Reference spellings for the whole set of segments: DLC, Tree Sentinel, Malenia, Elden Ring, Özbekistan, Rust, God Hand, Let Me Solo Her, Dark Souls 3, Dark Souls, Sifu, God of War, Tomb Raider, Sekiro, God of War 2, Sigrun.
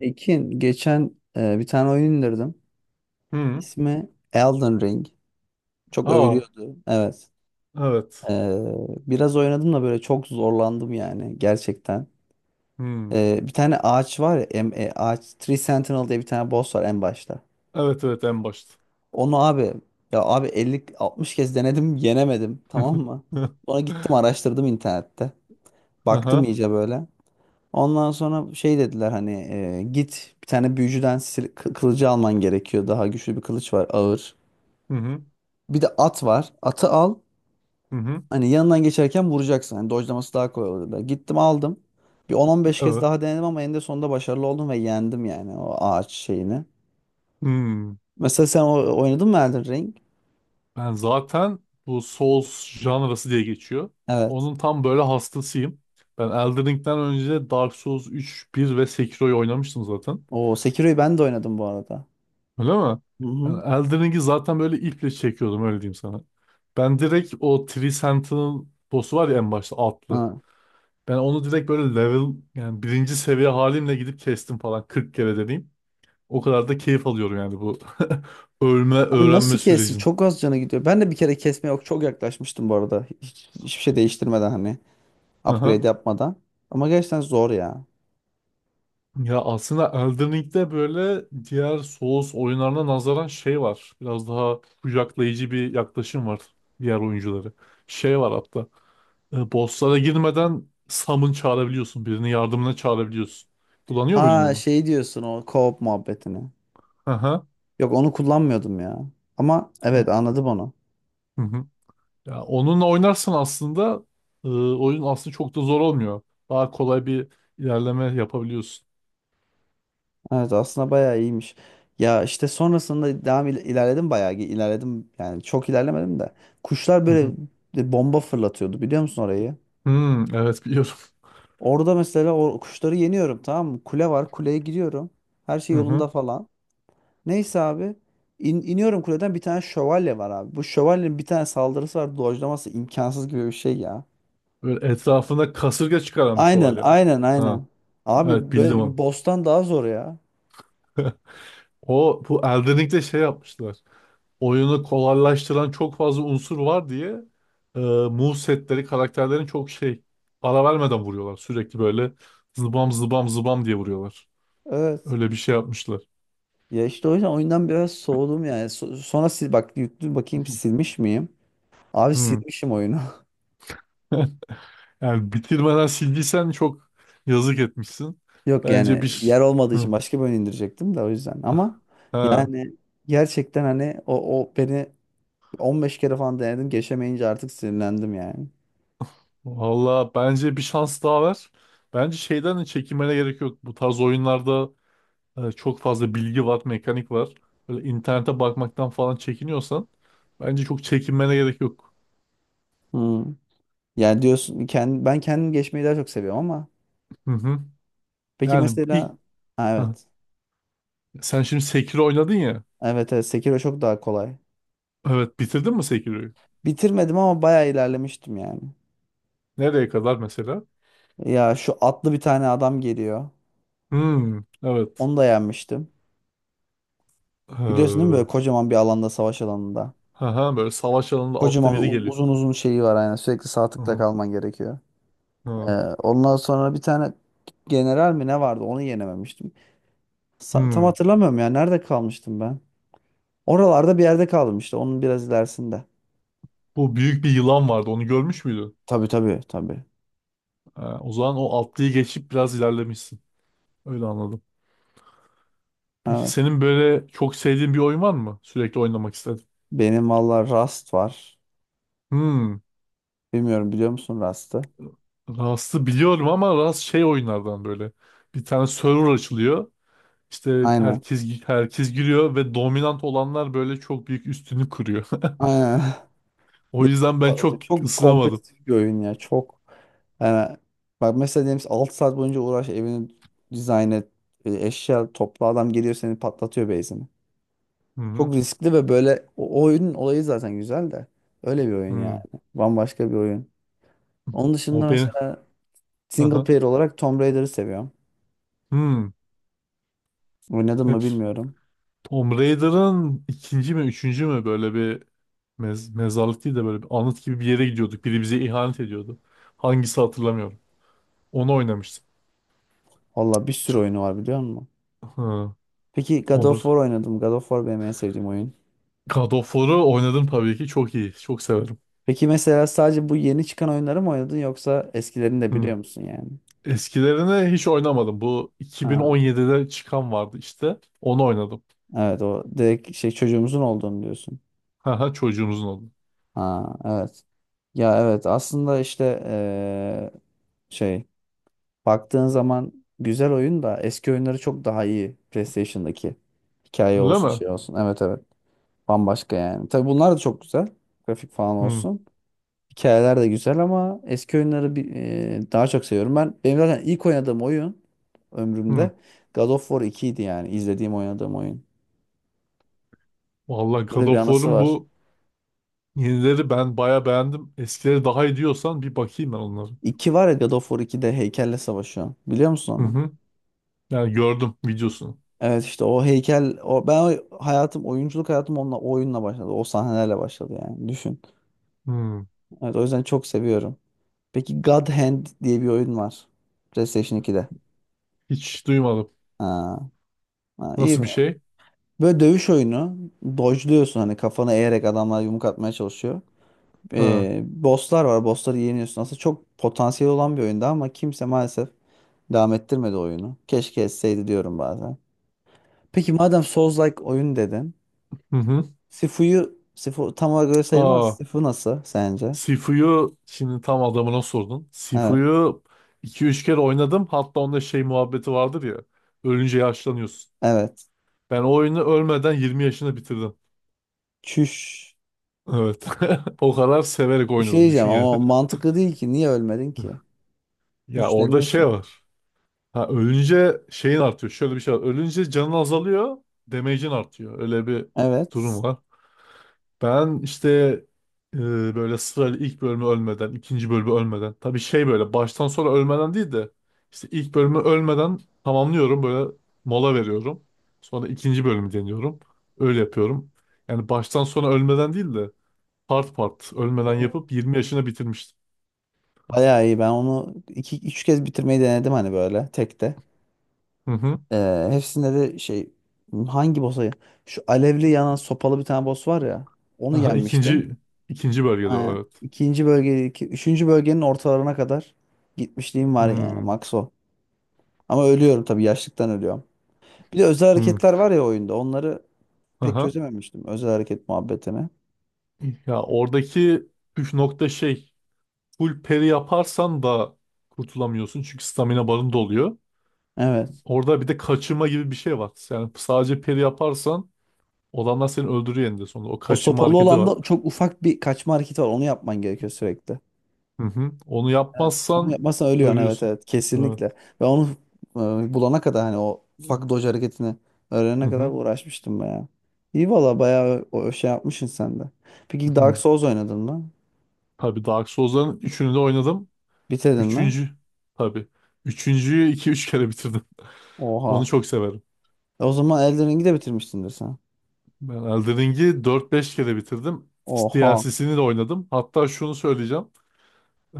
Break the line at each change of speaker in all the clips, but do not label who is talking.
Ekin geçen bir tane oyun indirdim.
Hı.
İsmi Elden Ring. Çok
Aa,
övülüyordu. Evet. E,
evet.
biraz oynadım da böyle çok zorlandım yani gerçekten.
Hı.
Bir tane ağaç var ya em- e, ağaç Tree Sentinel diye bir tane boss var en başta.
Evet evet en başta.
Onu abi, ya abi, 50-60 kez denedim, yenemedim, tamam mı? Sonra gittim araştırdım internette. Baktım
Aha.
iyice böyle. Ondan sonra şey dediler, hani git bir tane büyücüden kılıcı alman gerekiyor. Daha güçlü bir kılıç var, ağır.
Hı hı.
Bir de at var. Atı al.
Hı hı.
Hani yanından geçerken vuracaksın. Hani dodge'laması daha kolay olur da. Gittim aldım. Bir 10-15 kez
Evet.
daha denedim ama eninde sonunda başarılı oldum ve yendim yani, o ağaç şeyini.
Hmm.
Mesela sen oynadın mı Elden Ring?
Ben zaten bu Souls janrası diye geçiyor.
Evet.
Onun tam böyle hastasıyım. Ben Elden Ring'den önce Dark Souls 3, bir ve Sekiro'yu oynamıştım zaten.
O Sekiro'yu ben de oynadım bu arada.
Öyle mi?
Hı
Ben
hı.
Elden Ring'i zaten böyle iple çekiyordum, öyle diyeyim sana. Ben direkt o Three Sentinel boss'u var ya en başta altlı.
Ha.
Ben onu direkt böyle level, yani birinci seviye halimle gidip kestim falan 40 kere deneyim. O kadar da keyif alıyorum yani bu ölme
Abi
öğrenme
nasıl kessin?
sürecin.
Çok az canı gidiyor. Ben de bir kere kesmeye yok çok yaklaşmıştım bu arada. Hiçbir şey değiştirmeden, hani
Aha.
upgrade yapmadan. Ama gerçekten zor ya.
Ya aslında Elden Ring'de böyle diğer Souls oyunlarına nazaran şey var. Biraz daha kucaklayıcı bir yaklaşım var diğer oyuncuları. Şey var hatta. Bosslara girmeden summon çağırabiliyorsun. Birini yardımına çağırabiliyorsun. Kullanıyor muydun
Ha,
onu?
şey diyorsun, o co-op muhabbetini.
Aha.
Yok, onu kullanmıyordum ya. Ama evet,
Oh.
anladım onu.
Hı hı. Ya onunla oynarsan aslında oyun aslında çok da zor olmuyor. Daha kolay bir ilerleme yapabiliyorsun.
Evet, aslında bayağı iyiymiş. Ya işte sonrasında devam ilerledim, bayağı ilerledim. Yani çok ilerlemedim de. Kuşlar
Hı
böyle
hı.
bir bomba fırlatıyordu, biliyor musun orayı?
Hmm, evet biliyorum.
Orada mesela o kuşları yeniyorum, tamam mı? Kule var, kuleye gidiyorum. Her şey
Hı
yolunda
hı.
falan. Neyse abi. İn- iniyorum kuleden, bir tane şövalye var abi. Bu şövalyenin bir tane saldırısı var. Dojlaması imkansız gibi bir şey ya.
Böyle etrafında kasırga çıkaranmış o
Aynen,
alem.
aynen,
Ha,
aynen.
evet
Abi
bildim
böyle bir
onu.
boss'tan daha zor ya.
O bu Elden Ring'de şey yapmışlar. Oyunu kolaylaştıran çok fazla unsur var diye move setleri karakterlerin çok şey, ara vermeden vuruyorlar. Sürekli böyle zıbam zıbam zıbam diye vuruyorlar.
Evet.
Öyle bir şey yapmışlar.
Ya işte o yüzden oyundan biraz soğudum yani. Sonra sil bak, yüklü bakayım, silmiş miyim? Abi
Hmm.
silmişim oyunu.
Yani bitirmeden sildiysen çok yazık etmişsin.
Yok
Bence bir
yani,
ş-
yer olmadığı için
Hı,
başka bir oyun indirecektim de, o yüzden. Ama
ha
yani gerçekten, hani o beni 15 kere falan denedim, geçemeyince artık sinirlendim yani.
valla bence bir şans daha ver. Bence şeyden de çekinmene gerek yok. Bu tarz oyunlarda çok fazla bilgi var, mekanik var. Böyle internete bakmaktan falan çekiniyorsan bence çok çekinmene gerek yok.
Hmm. Yani diyorsun, ben kendim geçmeyi daha çok seviyorum ama,
Hı hı.
peki
Yani ilk
mesela, ha,
Hı.
evet.
Sen şimdi Sekiro oynadın ya.
Evet evet, Sekiro çok daha kolay.
Evet, bitirdin mi Sekiro'yu?
Bitirmedim ama bayağı ilerlemiştim yani.
Nereye kadar mesela?
Ya şu atlı bir tane adam geliyor.
Hmm, evet.
Onu da yenmiştim. Biliyorsun değil mi, böyle
Hı
kocaman bir alanda, savaş alanında.
hı, böyle savaş alanında atlı
Kocaman bir
biri geliyor.
uzun uzun şeyi var, aynen. Sürekli sağ tıkla kalman gerekiyor. Ee,
Ha.
ondan sonra bir tane general mi ne vardı, onu yenememiştim. Tam
Hmm.
hatırlamıyorum ya. Nerede kalmıştım ben? Oralarda bir yerde kaldım işte. Onun biraz ilerisinde.
Bu büyük bir yılan vardı. Onu görmüş müydün?
Tabii, tabii, tabii.
Ha, o zaman o atlıyı geçip biraz ilerlemişsin. Öyle anladım. Peki
Evet.
senin böyle çok sevdiğin bir oyun var mı? Sürekli oynamak istedim.
Benim valla Rust var.
Hmm.
Bilmiyorum, biliyor musun Rust'ı?
Rust'ı biliyorum ama Rust şey oyunlardan böyle. Bir tane server açılıyor. İşte
Aynen.
herkes herkes giriyor ve dominant olanlar böyle çok büyük üstünü kuruyor.
Aynen.
O
Diğerleri
yüzden ben
patlatıyor.
çok
Çok
ısınamadım.
kompetitif bir oyun ya. Çok yani, bak mesela diyelim 6 saat boyunca uğraş, evini dizayn et. Eşya topla, adam geliyor seni patlatıyor base'ini.
Hı hı.
Çok riskli ve böyle o oyunun olayı zaten güzel de. Öyle bir oyun yani.
Hmm.
Bambaşka bir oyun. Onun
O
dışında
beni.
mesela single
Aha.
player olarak Tomb Raider'ı seviyorum.
Hı, Hmm.
Oynadım mı
Hep.
bilmiyorum.
Tomb Raider'ın ikinci mi üçüncü mü, böyle bir mezarlık değil de böyle bir anıt gibi bir yere gidiyorduk. Biri bize ihanet ediyordu. Hangisi hatırlamıyorum. Onu oynamıştım.
Valla bir
Ç-
sürü oyunu var, biliyor musun?
Hı,
Peki, God
Tomb
of
Raider.
War oynadım. God of War benim en sevdiğim oyun.
God of War'u oynadım tabii ki. Çok iyi. Çok severim.
Peki mesela sadece bu yeni çıkan oyunları mı oynadın, yoksa eskilerini de
Hı.
biliyor musun yani?
Eskilerini hiç oynamadım. Bu
Ha,
2017'de çıkan vardı işte. Onu oynadım.
evet, o direkt şey, çocuğumuzun olduğunu diyorsun.
Haha, çocuğumuzun oldu.
Ha, evet. Ya evet, aslında işte şey, baktığın zaman güzel oyun da, eski oyunları çok daha iyi, PlayStation'daki. Hikaye
Öyle
olsun,
mi?
şey olsun. Evet evet. Bambaşka yani. Tabii bunlar da çok güzel. Grafik falan
Hı,
olsun. Hikayeler de güzel ama eski oyunları daha çok seviyorum. Benim zaten ilk oynadığım oyun
hı.
ömrümde God of War 2 idi yani, izlediğim oynadığım oyun.
Vallahi God
Böyle bir
of
anısı
War'un bu
var.
yenileri ben baya beğendim. Eskileri daha iyi diyorsan bir bakayım ben onları.
İki var ya, God of War 2'de heykelle savaşıyor. Biliyor musun
Hı
onu?
hı. Yani gördüm videosunu.
Evet işte, o heykel, o ben o- hayatım oyunculuk hayatım onunla, o oyunla başladı. O sahnelerle başladı yani. Düşün.
Hmm.
Evet, o yüzden çok seviyorum. Peki, God Hand diye bir oyun var. PlayStation 2'de.
Hiç duymadım.
Ha, ha, iyi.
Nasıl bir şey?
Böyle dövüş oyunu. Dodge'luyorsun hani, kafana eğerek adamlar yumruk atmaya çalışıyor.
Ha.
Bosslar var. Bossları yeniyorsun. Aslında çok potansiyel olan bir oyunda ama kimse maalesef devam ettirmedi oyunu. Keşke etseydi diyorum bazen. Peki, madem Souls-like oyun dedin.
Hı hı.
Sifu tam olarak öyle sayılmaz.
Aa,
Sifu nasıl sence?
Sifu'yu şimdi tam adamına sordun.
Evet.
Sifu'yu iki üç kere oynadım. Hatta onda şey muhabbeti vardır ya. Ölünce yaşlanıyorsun.
Evet.
Ben o oyunu ölmeden 20 yaşında bitirdim.
Çüş.
Evet. O kadar severek
Bir şey
oynadım.
diyeceğim
Düşün yani.
ama mantıklı değil ki. Niye ölmedin ki?
Ya orada şey
Güçleniyorsun.
var. Ha, ölünce şeyin artıyor. Şöyle bir şey var. Ölünce canın azalıyor. Damage'in artıyor. Öyle bir
Evet.
durum var. Ben işte e, böyle sırayla ilk bölümü ölmeden, ikinci bölümü ölmeden. Tabii şey, böyle baştan sonra ölmeden değil de işte ilk bölümü ölmeden tamamlıyorum. Böyle mola veriyorum. Sonra ikinci bölümü deniyorum. Öyle yapıyorum. Yani baştan sona ölmeden değil de part part ölmeden yapıp 20 yaşına bitirmiştim.
Bayağı iyi. Ben onu iki, üç kez bitirmeyi denedim, hani böyle tekte.
Hı hı.
Hepsinde de şey, hangi boss'a, şu alevli yanan sopalı bir tane boss var ya, onu
Aha, ikinci,
yenmiştim.
ikinci bölgede o,
Aynen.
evet.
İkinci bölge, üçüncü bölgenin ortalarına kadar gitmişliğim var yani,
Hmm.
max o. Ama ölüyorum tabii, yaşlıktan ölüyorum. Bir de özel
Hmm.
hareketler var ya oyunda, onları pek
Aha.
çözememiştim, özel hareket muhabbetini.
Ya oradaki püf nokta şey. Full peri yaparsan da kurtulamıyorsun. Çünkü stamina barın doluyor.
Evet.
Orada bir de kaçırma gibi bir şey var. Yani sadece peri yaparsan olanlar seni öldürüyor eninde sonunda. O
O
kaçırma
sopalı
hareketi
olan
var.
da, çok ufak bir kaçma hareketi var, onu yapman gerekiyor sürekli.
Hı hı. Onu
Evet, onu
yapmazsan
yapmazsan ölüyorsun, evet
ölüyorsun.
evet,
Evet.
kesinlikle. Ve onu bulana kadar, hani o fuck dodge hareketini
Hı
öğrenene kadar
hı.
uğraşmıştım bayağı. İyi valla, bayağı o şey yapmışsın sen de. Peki
Hı.
Dark Souls oynadın mı?
Tabii Dark Souls'ların üçünü de oynadım.
Bitirdin mi?
Üçüncü tabii. Üçüncüyü iki üç kere bitirdim. Onu
Oha.
çok severim.
E, o zaman Elden Ring'i de bitirmişsindir sen.
Ben Elden Ring'i 4-5 kere bitirdim.
Oha.
DLC'sini de oynadım. Hatta şunu söyleyeceğim.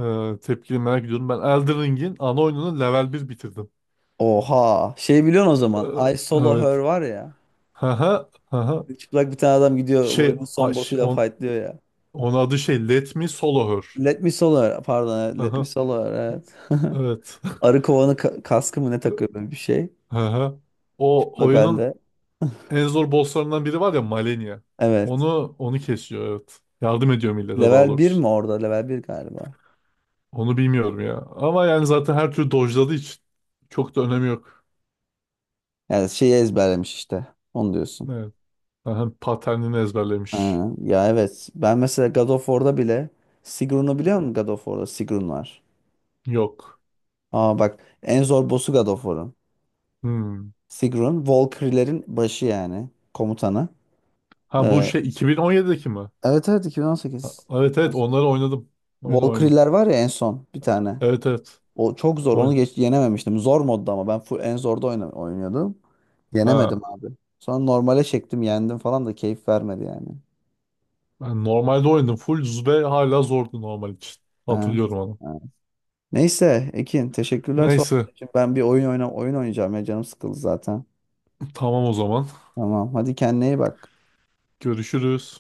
Tepkini merak ediyorum. Ben Elden Ring'in ana oyununu level bir bitirdim.
Oha. Şey, biliyorsun o
Ee,
zaman, I Solo Her
evet.
var ya.
Haha. Haha.
Çıplak bir tane adam gidiyor,
Şey,
oyunun son boss'uyla fightlıyor ya.
onun adı şey Let Me Solo Her.
Let Me Solo Her, pardon, evet, Let Me
Haha.
Solo Her, evet.
Evet.
Arı kovanı kaskı mı ne takıyor, böyle bir şey.
Haha. O oyunun
Lokalde.
en zor bosslarından biri var ya, Malenia.
Evet.
Onu kesiyor, evet. Yardım ediyor millete daha
Level bir
doğrusu.
mi orada? Level bir galiba.
Onu bilmiyorum ya. Ama yani zaten her türlü dojladığı için çok da önemi yok.
Yani şeyi ezberlemiş işte. Onu diyorsun.
Evet. Aha, paternini ezberlemiş.
Ha, ya evet. Ben mesela God of War'da bile, Sigrun'u biliyor musun God of War'da? Sigrun var.
Yok.
Aa bak, en zor boss'u God of War'un.
Hmm.
Sigrun, Valkyrie'lerin başı yani. Komutanı.
Ha bu
Ee,
şey 2017'deki mi?
evet evet,
Ha,
2018.
evet evet
2018.
onları oynadım. Oynadım oynadım.
Valkyrie'ler var ya en son bir tane.
Evet evet.
O çok zor. Onu
Oyn
geç yenememiştim. Zor modda, ama ben full en zorda oynuyordum.
ha.
Yenemedim abi. Sonra normale çektim, yendim falan da keyif vermedi yani.
Ben normalde oynadım. Full Zube hala zordu normal için.
Ha,
Hatırlıyorum onu.
ha. Neyse Ekin, teşekkürler sohbet
Neyse.
için. Ben bir oyun oynayacağım ya, canım sıkıldı zaten.
Tamam o zaman.
Tamam. Hadi kendine iyi bak.
Görüşürüz.